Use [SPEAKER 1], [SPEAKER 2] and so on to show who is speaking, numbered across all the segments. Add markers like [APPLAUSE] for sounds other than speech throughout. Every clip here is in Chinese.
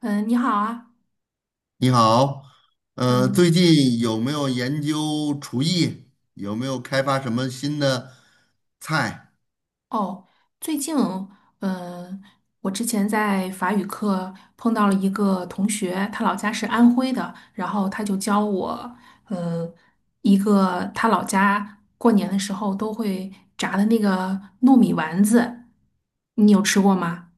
[SPEAKER 1] 嗯，你好啊，
[SPEAKER 2] 你好，最
[SPEAKER 1] 嗯，
[SPEAKER 2] 近有没有研究厨艺？有没有开发什么新的菜？
[SPEAKER 1] 哦，最近，嗯，我之前在法语课碰到了一个同学，他老家是安徽的，然后他就教我，嗯，一个他老家过年的时候都会炸的那个糯米丸子，你有吃过吗？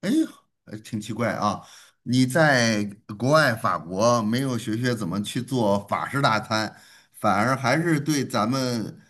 [SPEAKER 2] 哎呦，挺奇怪啊！你在国外法国没有学学怎么去做法式大餐，反而还是对咱们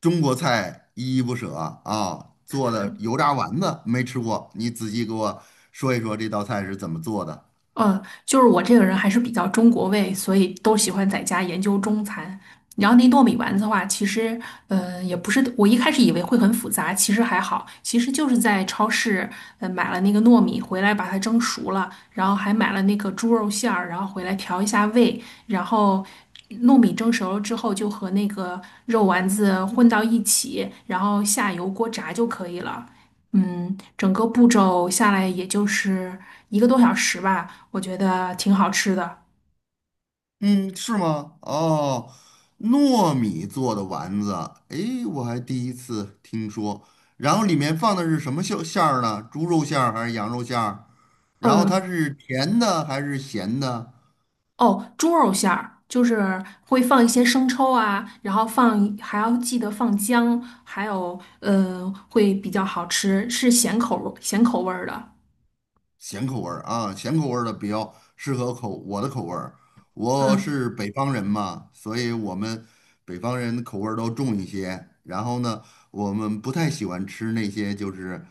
[SPEAKER 2] 中国菜依依不舍啊！做的油炸丸子没吃过，你仔细给我说一说这道菜是怎么做的？
[SPEAKER 1] 嗯，就是我这个人还是比较中国味，所以都喜欢在家研究中餐。然后那糯米丸子的话，其实，也不是，我一开始以为会很复杂，其实还好，其实就是在超市，买了那个糯米回来，把它蒸熟了，然后还买了那个猪肉馅儿，然后回来调一下味，然后糯米蒸熟了之后，就和那个肉丸子混到一起，然后下油锅炸就可以了。嗯，整个步骤下来也就是一个多小时吧，我觉得挺好吃的。
[SPEAKER 2] 嗯，是吗？哦，糯米做的丸子，诶，我还第一次听说。然后里面放的是什么馅儿呢？猪肉馅儿还是羊肉馅儿？然后
[SPEAKER 1] 呃，
[SPEAKER 2] 它是甜的还是咸的？
[SPEAKER 1] 哦，猪肉馅儿就是会放一些生抽啊，然后放还要记得放姜，还有会比较好吃，是咸口味咸口味儿的。
[SPEAKER 2] 咸口味儿啊，咸口味儿的比较适合我的口味儿。我
[SPEAKER 1] 嗯，
[SPEAKER 2] 是北方人嘛，所以我们北方人口味儿都重一些。然后呢，我们不太喜欢吃那些就是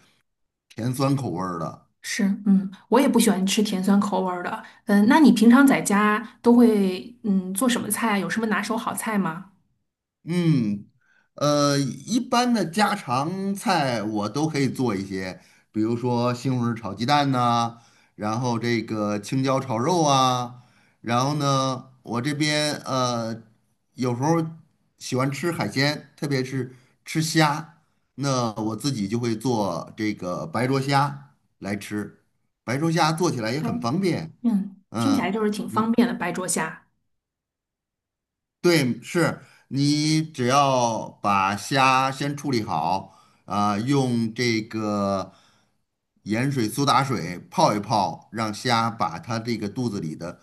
[SPEAKER 2] 甜酸口味儿的。
[SPEAKER 1] 是，嗯，我也不喜欢吃甜酸口味儿的。嗯，那你平常在家都会做什么菜啊？有什么拿手好菜吗？
[SPEAKER 2] 嗯，一般的家常菜我都可以做一些，比如说西红柿炒鸡蛋呐、然后这个青椒炒肉啊，然后呢，我这边有时候喜欢吃海鲜，特别是吃虾，那我自己就会做这个白灼虾来吃，白灼虾做起来也
[SPEAKER 1] 哎，
[SPEAKER 2] 很方便。
[SPEAKER 1] 嗯，听起来
[SPEAKER 2] 嗯。
[SPEAKER 1] 就是挺方
[SPEAKER 2] 你。
[SPEAKER 1] 便的，白灼虾。
[SPEAKER 2] 对，是你只要把虾先处理好，啊、用这个盐水、苏打水泡一泡，让虾把它这个肚子里的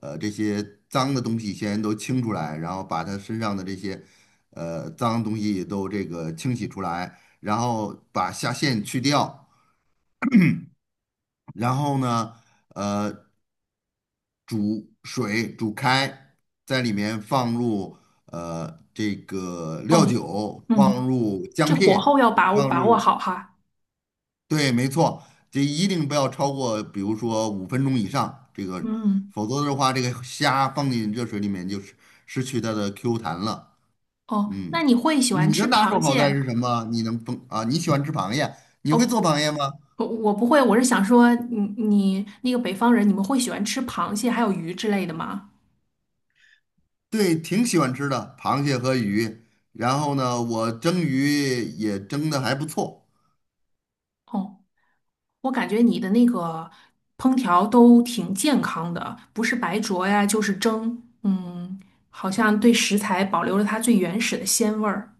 [SPEAKER 2] 这些脏的东西先都清出来，然后把它身上的这些脏东西都这个清洗出来，然后把虾线去掉，然后呢，呃。煮水煮开，在里面放入这个料
[SPEAKER 1] 哦。
[SPEAKER 2] 酒，放
[SPEAKER 1] 嗯。
[SPEAKER 2] 入姜
[SPEAKER 1] 这火
[SPEAKER 2] 片，
[SPEAKER 1] 候要把握
[SPEAKER 2] 放
[SPEAKER 1] 把握
[SPEAKER 2] 入，
[SPEAKER 1] 好哈。
[SPEAKER 2] 对，没错，这一定不要超过比如说5分钟以上，这个
[SPEAKER 1] 嗯，
[SPEAKER 2] 否则的话，这个虾放进热水里面就是失去它的 Q 弹了。
[SPEAKER 1] 哦，
[SPEAKER 2] 嗯，
[SPEAKER 1] 那你会喜欢
[SPEAKER 2] 你的
[SPEAKER 1] 吃
[SPEAKER 2] 拿手
[SPEAKER 1] 螃
[SPEAKER 2] 好菜
[SPEAKER 1] 蟹？
[SPEAKER 2] 是什么？你能烹啊？你喜欢吃螃蟹？你会做
[SPEAKER 1] 哦，
[SPEAKER 2] 螃蟹吗？
[SPEAKER 1] 我不会，我是想说你那个北方人，你们会喜欢吃螃蟹还有鱼之类的吗？
[SPEAKER 2] 对，挺喜欢吃的，螃蟹和鱼。然后呢，我蒸鱼也蒸的还不错。
[SPEAKER 1] 哦，我感觉你的那个烹调都挺健康的，不是白灼呀，就是蒸，好像对食材保留了它最原始的鲜味儿。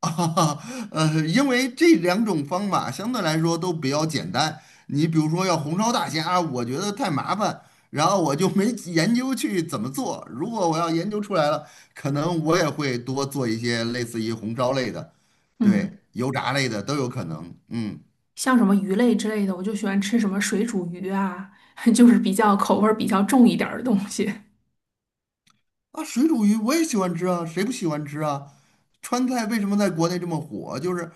[SPEAKER 2] [LAUGHS] 啊，因为这两种方法相对来说都比较简单。你比如说要红烧大虾，我觉得太麻烦，然后我就没研究去怎么做。如果我要研究出来了，可能我也会多做一些类似于红烧类的，对，
[SPEAKER 1] 嗯，
[SPEAKER 2] 油炸类的都有可能。嗯，
[SPEAKER 1] 像什么鱼类之类的，我就喜欢吃什么水煮鱼啊，[LAUGHS] 就是比较口味儿比较重一点儿的东西。
[SPEAKER 2] 啊，水煮鱼我也喜欢吃啊，谁不喜欢吃啊？川菜为什么在国内这么火？就是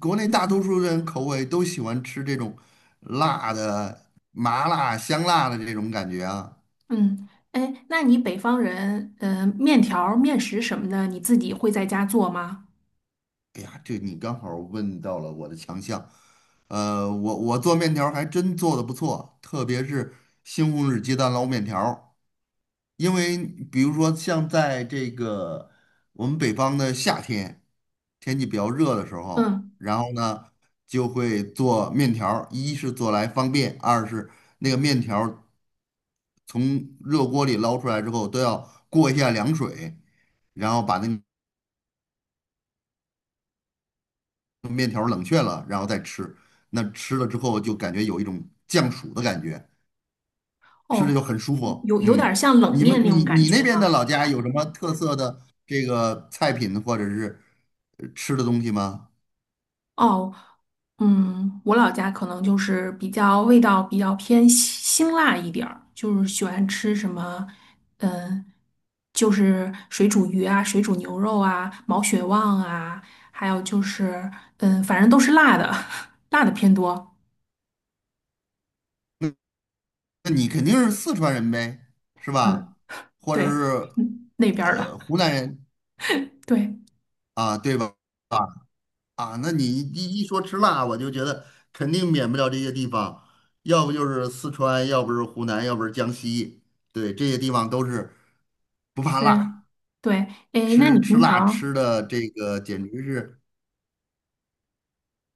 [SPEAKER 2] 国内大多数人口味都喜欢吃这种辣的、麻辣、香辣的这种感觉啊。
[SPEAKER 1] 嗯，哎，那你北方人，面条儿面食什么的，你自己会在家做吗？
[SPEAKER 2] 哎呀，这你刚好问到了我的强项。我做面条儿还真做的不错，特别是西红柿鸡蛋捞面条儿。因为比如说像在这个我们北方的夏天，天气比较热的时候，
[SPEAKER 1] 嗯，
[SPEAKER 2] 然后呢就会做面条儿，一是做来方便，二是那个面条。从热锅里捞出来之后，都要过一下凉水，然后把那个面条冷却了，然后再吃。那吃了之后就感觉有一种降暑的感觉，吃着
[SPEAKER 1] 哦，
[SPEAKER 2] 就很舒服。
[SPEAKER 1] 有点
[SPEAKER 2] 嗯，
[SPEAKER 1] 儿像冷
[SPEAKER 2] 你们
[SPEAKER 1] 面那种
[SPEAKER 2] 你
[SPEAKER 1] 感
[SPEAKER 2] 你那
[SPEAKER 1] 觉
[SPEAKER 2] 边的
[SPEAKER 1] 呢。
[SPEAKER 2] 老家有什么特色的这个菜品或者是吃的东西吗？
[SPEAKER 1] 哦，嗯，我老家可能就是比较味道比较偏辛辣一点儿，就是喜欢吃什么，嗯，就是水煮鱼啊、水煮牛肉啊、毛血旺啊，还有就是，嗯，反正都是辣的，[LAUGHS] 辣的偏多。
[SPEAKER 2] 那那你肯定是四川人呗，是
[SPEAKER 1] 嗯，
[SPEAKER 2] 吧？或者
[SPEAKER 1] 对，
[SPEAKER 2] 是
[SPEAKER 1] 嗯，那边儿的，
[SPEAKER 2] 湖南人
[SPEAKER 1] 对。
[SPEAKER 2] 啊，对吧？啊。啊，那你一说吃辣，我就觉得肯定免不了这些地方，要不就是四川，要不是湖南，要不是江西，对，这些地方都是不怕
[SPEAKER 1] 嗯，
[SPEAKER 2] 辣，
[SPEAKER 1] 对，诶，那你
[SPEAKER 2] 吃
[SPEAKER 1] 平
[SPEAKER 2] 辣
[SPEAKER 1] 常，
[SPEAKER 2] 吃的这个简直是，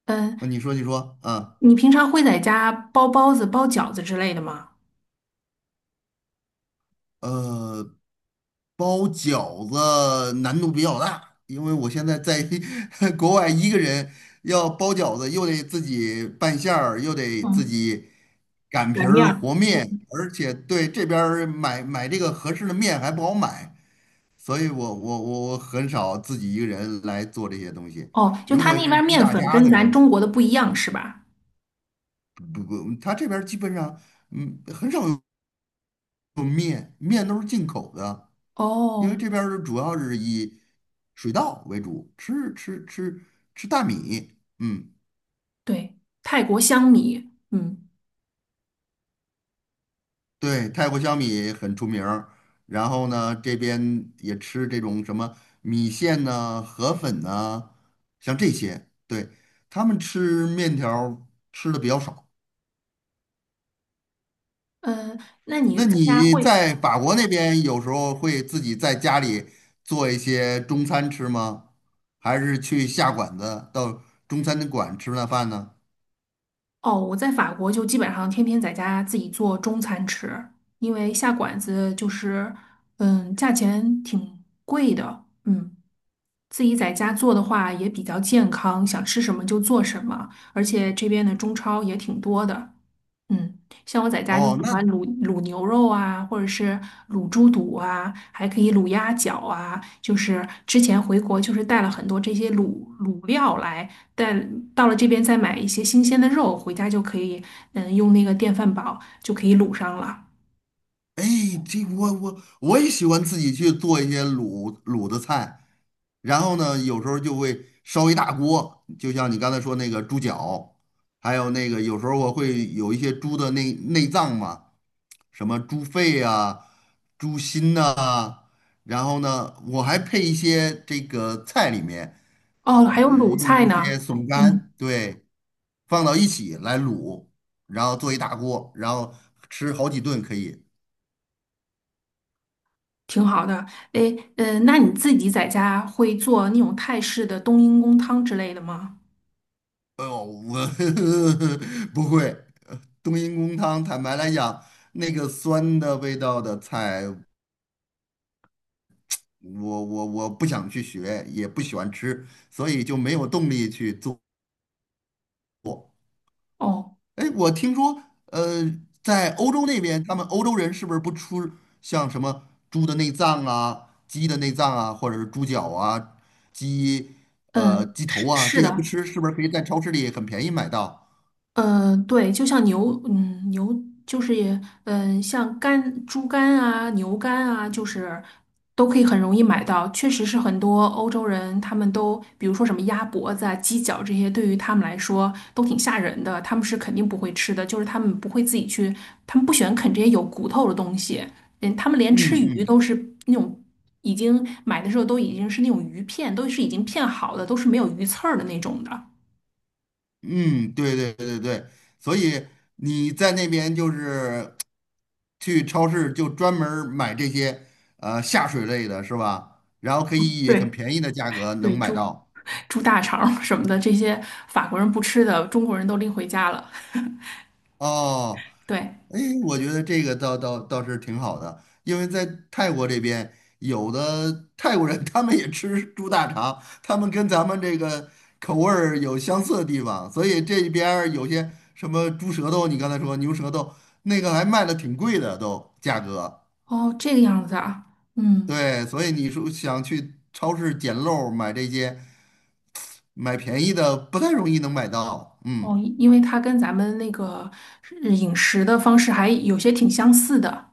[SPEAKER 1] 嗯，
[SPEAKER 2] 你说，啊。
[SPEAKER 1] 你平常会在家包包子、包饺子之类的吗？
[SPEAKER 2] 呃，包饺子难度比较大，因为我现在在 [LAUGHS] 国外一个人要包饺子，又得自己拌馅儿，又得自
[SPEAKER 1] 嗯，
[SPEAKER 2] 己擀皮
[SPEAKER 1] 擀面
[SPEAKER 2] 儿
[SPEAKER 1] 儿。
[SPEAKER 2] 和面，而且对这边儿买这个合适的面还不好买，所以我很少自己一个人来做这些东西。
[SPEAKER 1] 哦，就
[SPEAKER 2] 如
[SPEAKER 1] 他
[SPEAKER 2] 果
[SPEAKER 1] 那边
[SPEAKER 2] 是
[SPEAKER 1] 儿
[SPEAKER 2] 一
[SPEAKER 1] 面
[SPEAKER 2] 大
[SPEAKER 1] 粉
[SPEAKER 2] 家
[SPEAKER 1] 跟
[SPEAKER 2] 子
[SPEAKER 1] 咱
[SPEAKER 2] 人，
[SPEAKER 1] 中国的不一样是吧？
[SPEAKER 2] 不他这边儿基本上很少有面，面都是进口的。因为
[SPEAKER 1] 哦，
[SPEAKER 2] 这边儿主要是以水稻为主，吃大米，嗯，
[SPEAKER 1] 对，泰国香米。嗯，
[SPEAKER 2] 对，泰国小米很出名儿。然后呢，这边也吃这种什么米线呐、河粉呐、像这些。对，他们吃面条儿吃的比较少。
[SPEAKER 1] 嗯，那你
[SPEAKER 2] 那
[SPEAKER 1] 在家
[SPEAKER 2] 你
[SPEAKER 1] 会？
[SPEAKER 2] 在法国那边有时候会自己在家里做一些中餐吃吗？还是去下馆子到中餐馆吃那饭呢？
[SPEAKER 1] 哦，我在法国就基本上天天在家自己做中餐吃，因为下馆子就是，价钱挺贵的。嗯。自己在家做的话也比较健康，想吃什么就做什么，而且这边的中超也挺多的。嗯，像我在家就喜
[SPEAKER 2] 哦，那
[SPEAKER 1] 欢卤牛肉啊，或者是卤猪肚啊，还可以卤鸭脚啊。就是之前回国就是带了很多这些卤料来，但到了这边再买一些新鲜的肉，回家就可以，用那个电饭煲就可以卤上了。
[SPEAKER 2] 哎，这我也喜欢自己去做一些卤卤的菜，然后呢，有时候就会烧一大锅，就像你刚才说那个猪脚，还有那个有时候我会有一些猪的内脏嘛，什么猪肺啊、猪心呐、然后呢，我还配一些这个菜里面，
[SPEAKER 1] 哦，还有卤菜
[SPEAKER 2] 用一
[SPEAKER 1] 呢。
[SPEAKER 2] 些笋
[SPEAKER 1] 嗯。
[SPEAKER 2] 干，对，放到一起来卤，然后做一大锅，然后吃好几顿可以。
[SPEAKER 1] 挺好的。诶，嗯，那你自己在家会做那种泰式的冬阴功汤之类的吗？
[SPEAKER 2] 哦，我 [LAUGHS] 不会，冬阴功汤，坦白来讲，那个酸的味道的菜，我不想去学，也不喜欢吃，所以就没有动力去做。
[SPEAKER 1] 哦，
[SPEAKER 2] 哎，我听说，呃，在欧洲那边，他们欧洲人是不是不吃像什么猪的内脏啊、鸡的内脏啊，或者是猪脚啊、鸡
[SPEAKER 1] 嗯，
[SPEAKER 2] 鸡头
[SPEAKER 1] 是
[SPEAKER 2] 啊，
[SPEAKER 1] 是
[SPEAKER 2] 这些不
[SPEAKER 1] 的，
[SPEAKER 2] 吃，是不是可以在超市里很便宜买到？
[SPEAKER 1] 对，就像牛就是也，像肝、猪肝啊、牛肝啊，就是都可以很容易买到。确实是很多欧洲人，他们都，比如说什么鸭脖子啊、鸡脚这些，对于他们来说都挺吓人的，他们是肯定不会吃的，就是他们不会自己去，他们不喜欢啃这些有骨头的东西。嗯，他们连
[SPEAKER 2] 嗯
[SPEAKER 1] 吃鱼
[SPEAKER 2] 嗯
[SPEAKER 1] 都是那种已经买的时候都已经是那种鱼片，都是已经片好的，都是没有鱼刺儿的那种的。
[SPEAKER 2] 嗯，对，所以你在那边就是去超市就专门儿买这些下水类的是吧？然后可以以很
[SPEAKER 1] 对，
[SPEAKER 2] 便宜的价格能
[SPEAKER 1] 对，
[SPEAKER 2] 买
[SPEAKER 1] 猪
[SPEAKER 2] 到。
[SPEAKER 1] 猪大肠什么的，这些法国人不吃的，中国人都拎回家了。
[SPEAKER 2] 哦，
[SPEAKER 1] 对，
[SPEAKER 2] 哎，我觉得这个倒是挺好的，因为在泰国这边，有的泰国人 [LAUGHS] 他们也吃猪大肠，他们跟咱们这个口味儿有相似的地方，所以这边儿有些什么猪舌头，你刚才说牛舌头，那个还卖的挺贵的都价格。
[SPEAKER 1] 哦，这个样子啊，嗯，
[SPEAKER 2] 对，所以你说想去超市捡漏儿买这些，买便宜的不太容易能买到。嗯，
[SPEAKER 1] 哦，因为它跟咱们那个饮食的方式还有些挺相似的。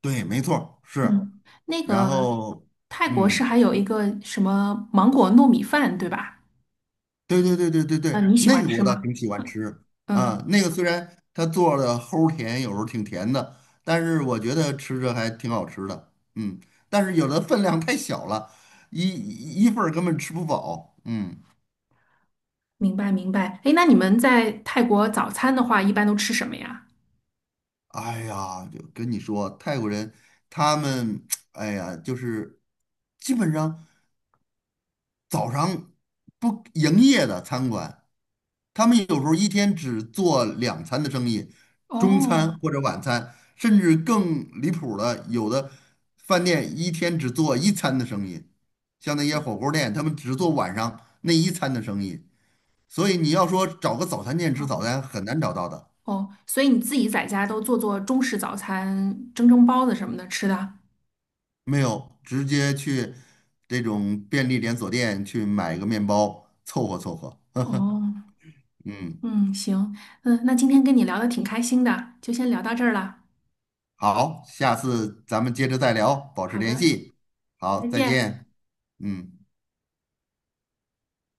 [SPEAKER 2] 对，没错儿，是。
[SPEAKER 1] 嗯，那
[SPEAKER 2] 然
[SPEAKER 1] 个
[SPEAKER 2] 后，
[SPEAKER 1] 泰国是
[SPEAKER 2] 嗯。
[SPEAKER 1] 还有一个什么芒果糯米饭，对吧？
[SPEAKER 2] 对，
[SPEAKER 1] 嗯，你喜
[SPEAKER 2] 那
[SPEAKER 1] 欢
[SPEAKER 2] 个
[SPEAKER 1] 吃
[SPEAKER 2] 我倒
[SPEAKER 1] 吗？
[SPEAKER 2] 挺喜欢吃啊。
[SPEAKER 1] 嗯，
[SPEAKER 2] 那个虽然它做的齁甜，有时候挺甜的，但是我觉得吃着还挺好吃的。嗯，但是有的分量太小了，一一份儿根本吃不饱。嗯，
[SPEAKER 1] 明白明白。哎，那你们在泰国早餐的话，一般都吃什么呀？
[SPEAKER 2] 哎呀，就跟你说，泰国人他们，[TSK] 哎呀，就是基本上早上不营业的餐馆。他们有时候一天只做两餐的生意，中
[SPEAKER 1] 哦，
[SPEAKER 2] 餐或者晚餐，甚至更离谱的，有的饭店一天只做一餐的生意，像那些火锅店，他们只做晚上那一餐的生意。所以你要说找个早餐店吃早
[SPEAKER 1] 好。
[SPEAKER 2] 餐很难找到的，
[SPEAKER 1] 哦，所以你自己在家都做做中式早餐，蒸蒸包子什么的吃的。
[SPEAKER 2] 没有，直接去这种便利连锁店去买个面包凑合。
[SPEAKER 1] 哦，
[SPEAKER 2] 嗯，
[SPEAKER 1] 嗯，行，嗯，那今天跟你聊的挺开心的，就先聊到这儿了。
[SPEAKER 2] 好，下次咱们接着再聊，保持
[SPEAKER 1] 好
[SPEAKER 2] 联
[SPEAKER 1] 的，
[SPEAKER 2] 系。好，
[SPEAKER 1] 再
[SPEAKER 2] 再
[SPEAKER 1] 见。
[SPEAKER 2] 见。嗯。